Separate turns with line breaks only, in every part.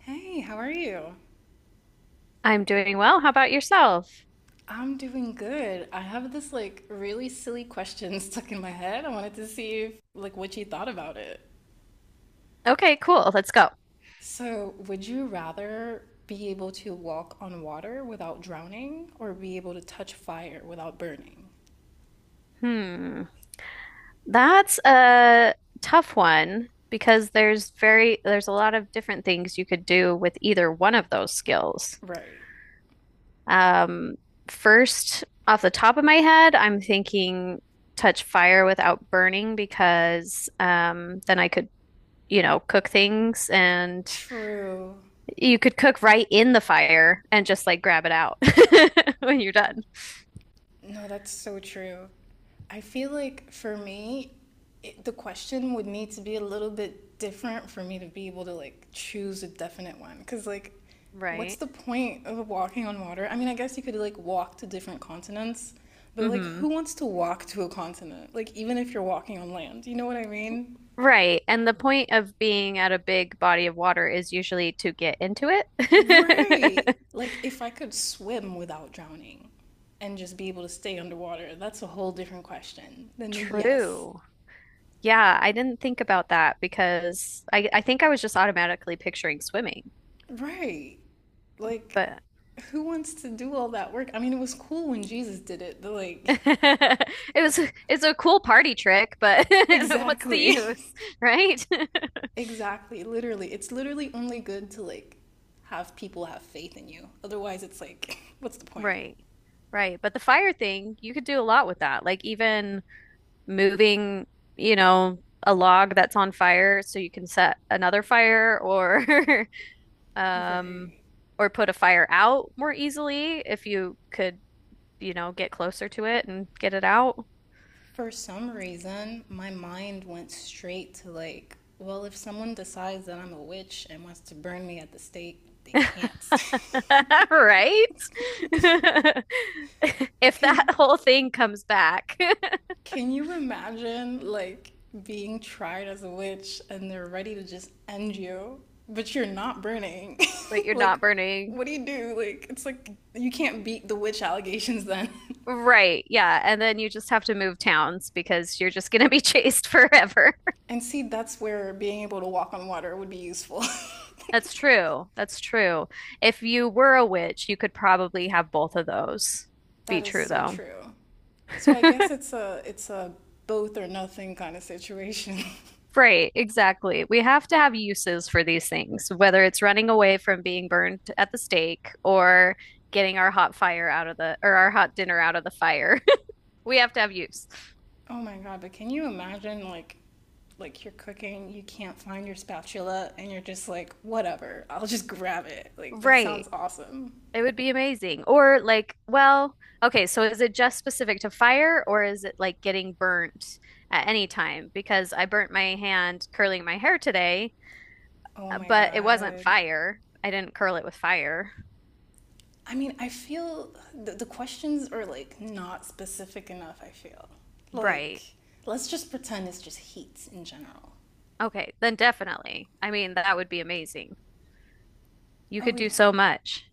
Hey, how are you?
I'm doing well. How about yourself?
I'm doing good. I have this like really silly question stuck in my head. I wanted to see if like what you thought about it.
Okay, cool. Let's go.
So, would you rather be able to walk on water without drowning or be able to touch fire without burning?
Hmm. That's a tough one because there's a lot of different things you could do with either one of those skills.
Right.
Um, First, off the top of my head, I'm thinking touch fire without burning because then I could, you know, cook things, and
True.
you could cook right in the fire and just like grab it out when you're done.
No, that's so true. I feel like for me, the question would need to be a little bit different for me to be able to like choose a definite one. Because, like, what's
Right.
the point of walking on water? I mean, I guess you could like walk to different continents, but like,
Mm-hmm.
who wants to walk to a continent? Like, even if you're walking on land, you know what I mean?
Right. And the point of being at a big body of water is usually to get into
Right.
it.
Like, if I could swim without drowning and just be able to stay underwater, that's a whole different question. Then, yes.
True. Yeah, I didn't think about that because I think I was just automatically picturing swimming,
Right. Like,
but
who wants to do all that work? I mean, it was cool when Jesus did it, but like,
it was
that's
it's a cool party trick, but what's the
exactly,
use, right?
exactly, literally. It's literally only good to like have people have faith in you. Otherwise, it's like, what's the point?
Right. Right. But the fire thing, you could do a lot with that. Like even moving, you know, a log that's on fire so you can set another fire, or um,
Right.
or put a fire out more easily if you could, you know, get closer to it and get it out.
For some reason, my mind went straight to like, well, if someone decides that I'm a witch and wants to burn me at the stake, they can't.
Right? If that
Can
whole thing comes back,
Can you imagine like being tried as a witch and they're ready to just end you, but you're not burning?
but you're
like,
not burning.
what do you do? Like, it's like you can't beat the witch allegations then.
Right. Yeah. And then you just have to move towns because you're just going to be chased forever.
and see, that's where being able to walk on water would be useful.
That's true. That's true. If you were a witch, you could probably have both of those
that
be
is
true,
so
though.
true. So I guess it's a both or nothing kind of situation.
Right, exactly. We have to have uses for these things, whether it's running away from being burned at the stake or getting our hot fire out of the, or our hot dinner out of the fire. We have to have use.
Oh my god, but can you imagine like you're cooking, you can't find your spatula and you're just like, whatever, I'll just grab it. Like that
Right.
sounds awesome.
It would be amazing. Or like, well, okay, so is it just specific to fire, or is it like getting burnt at any time? Because I burnt my hand curling my hair today,
Oh my
but it wasn't
god.
fire. I didn't curl it with fire.
I mean, I feel the questions are like not specific enough, I feel. Like
Right.
let's just pretend it's just heat in general.
Okay, then definitely. I mean, that would be amazing. You
Oh
could do
yeah.
so much.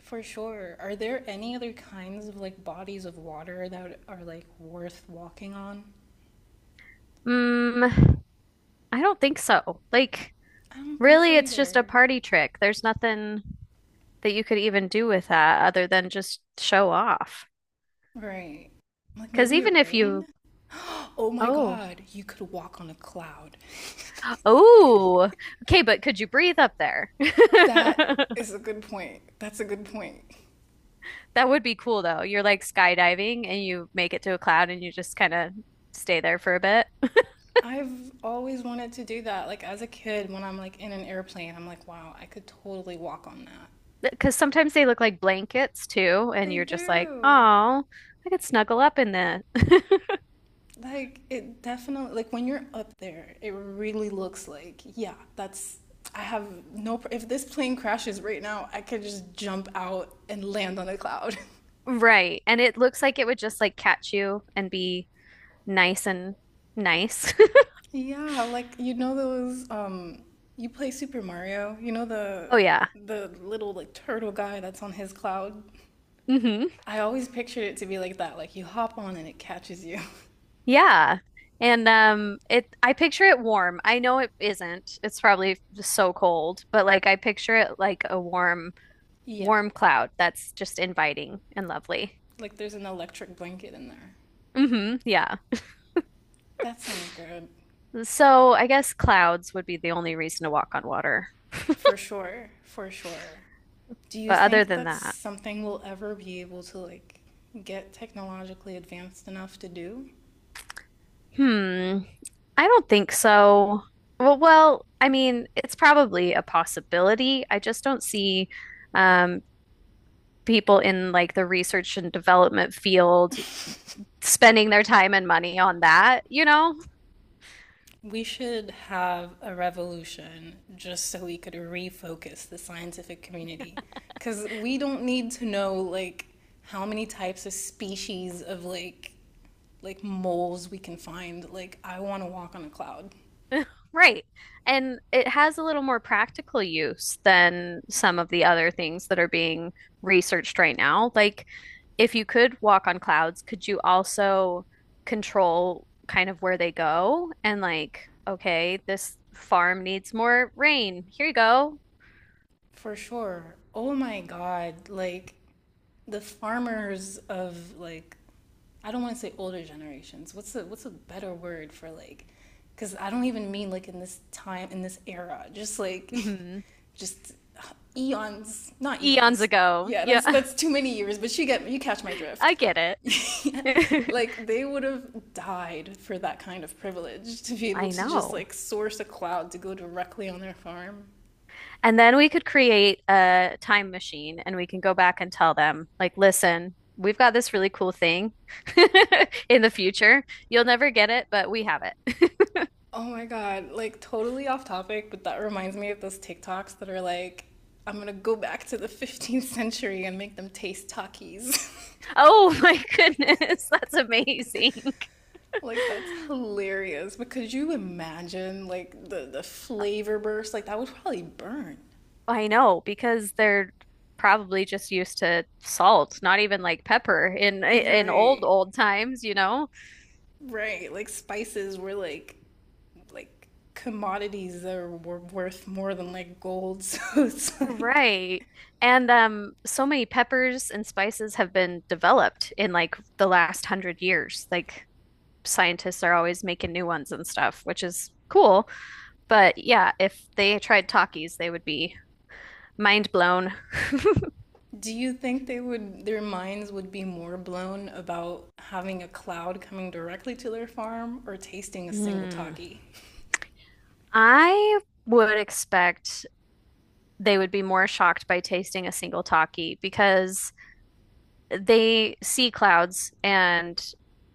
For sure. Are there any other kinds of like bodies of water that are like worth walking on?
Mm, I don't think so. Like,
I don't think
really,
so
it's just a
either.
party trick. There's nothing that you could even do with that other than just show off.
Right. Like
Because
maybe
even if
rain?
you,
Oh my
oh,
God, you could walk on a cloud.
oh, okay, but could you breathe up there?
That is a good point. That's a good point.
That would be cool though. You're like skydiving and you make it to a cloud and you just kind of stay there for a bit.
I've always wanted to do that. Like as a kid, when I'm like in an airplane, I'm like, wow, I could totally walk on that.
Because sometimes they look like blankets too, and
They
you're just like,
do.
oh, I could snuggle up in that.
Like it definitely, like when you're up there, it really looks like, yeah, that's, I have no, pr- if this plane crashes right now, I could just jump out and land on a cloud.
Right. And it looks like it would just like catch you and be nice and nice.
Yeah, like you know those you play Super Mario, you know the
Oh yeah.
the little like turtle guy that's on his cloud.
Hmm.
I always pictured it to be like that, like you hop on and it catches you.
Yeah. And it, I picture it warm. I know it isn't. It's probably just so cold, but like I picture it like a warm
Yeah.
warm cloud that's just inviting and lovely.
Like there's an electric blanket in there.
Hmm. Yeah.
That sounds good.
So I guess clouds would be the only reason to walk on water.
For sure, for sure. Do you
But other
think
than
that's
that,
something we'll ever be able to like get technologically advanced enough to do?
hmm. I don't think so. Well, I mean, it's probably a possibility. I just don't see um, people in like the research and development field spending their time and money on that, you know?
We should have a revolution just so we could refocus the scientific community. Because we don't need to know, like, how many types of species of, like moles we can find. Like, I want to walk on a cloud.
Right. And it has a little more practical use than some of the other things that are being researched right now. Like, if you could walk on clouds, could you also control kind of where they go? And, like, okay, this farm needs more rain. Here you go.
For sure. Oh my God. Like the farmers of like I don't want to say older generations. What's a better word for like cuz I don't even mean like in this time in this era. Just like
Hmm.
just uh, eons, not
Eons
eons.
ago.
Yeah,
Yeah,
that's too many years, but you catch my drift.
I get it.
Like they would have died for that kind of privilege to be able
I
to just
know.
like source a cloud to go directly on their farm.
And then we could create a time machine, and we can go back and tell them, like, listen, we've got this really cool thing in the future. You'll never get it, but we have it.
Oh my God, like totally off topic, but that reminds me of those TikToks that are like, I'm gonna go back to the 15th century and make them taste Takis.
Oh my goodness, that's amazing.
Like that's hilarious. But could you imagine like the flavor burst? Like that would probably burn.
I know, because they're probably just used to salt, not even like pepper in old
Right.
old times, you know?
Right. Like spices were like like commodities that were worth more than like gold. So it's like.
Right. And so many peppers and spices have been developed in like the last 100 years. Like scientists are always making new ones and stuff, which is cool. But yeah, if they tried Takis, they would be mind blown.
Do you think they would their minds would be more blown about having a cloud coming directly to their farm or tasting a single
Hmm.
taki?
I would expect they would be more shocked by tasting a single Taki because they see clouds and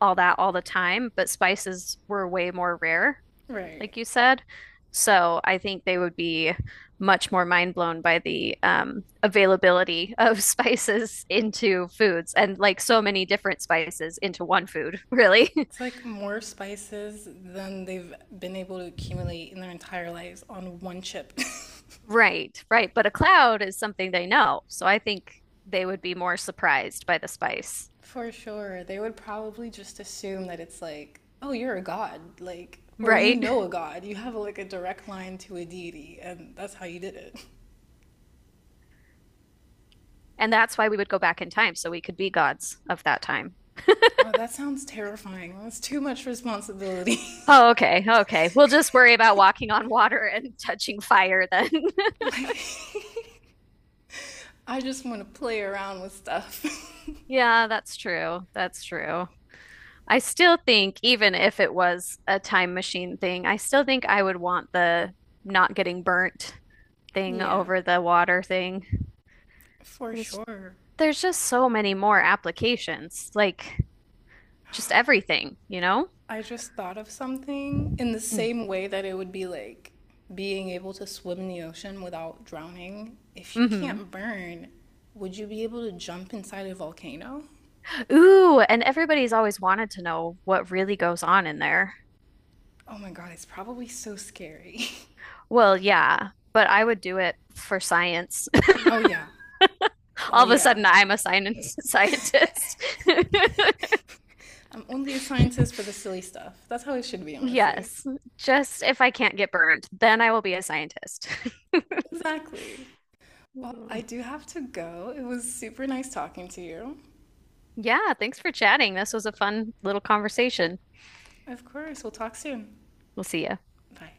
all that all the time, but spices were way more rare,
Right.
like you said. So I think they would be much more mind blown by the availability of spices into foods and like so many different spices into one food, really.
It's like more spices than they've been able to accumulate in their entire lives on one chip.
Right, right. But a cloud is something they know. So I think they would be more surprised by the spice,
For sure. They would probably just assume that it's like, oh, you're a god. Like, or you
right?
know a god. You have like a direct line to a deity, and that's how you did it.
And that's why we would go back in time so we could be gods of that time.
Oh, that sounds terrifying. That's too much responsibility.
Oh, okay. Okay. We'll just worry about walking on water and touching fire then.
like, I just want to play around with stuff.
Yeah, that's true. That's true. I still think, even if it was a time machine thing, I still think I would want the not getting burnt thing
yeah,
over the water thing.
for
There's,
sure.
there's just so many more applications, like just everything, you know?
I just thought of something in the
Mm.
same way that it would be like being able to swim in the ocean without drowning. If you
Hmm.
can't burn, would you be able to jump inside a volcano?
Ooh, and everybody's always wanted to know what really goes on in there.
Oh my god, it's probably so scary.
Well, yeah, but I would do it for science.
oh yeah. Oh
All of a
yeah.
sudden, I'm a science scientist.
I'm only a scientist for the silly stuff. That's how it should be, honestly.
Yes, just if I can't get burned, then I will be a scientist.
Exactly. Well,
Mm.
I do have to go. It was super nice talking to you.
Yeah, thanks for chatting. This was a fun little conversation.
Of course. We'll talk soon.
We'll see you.
Bye.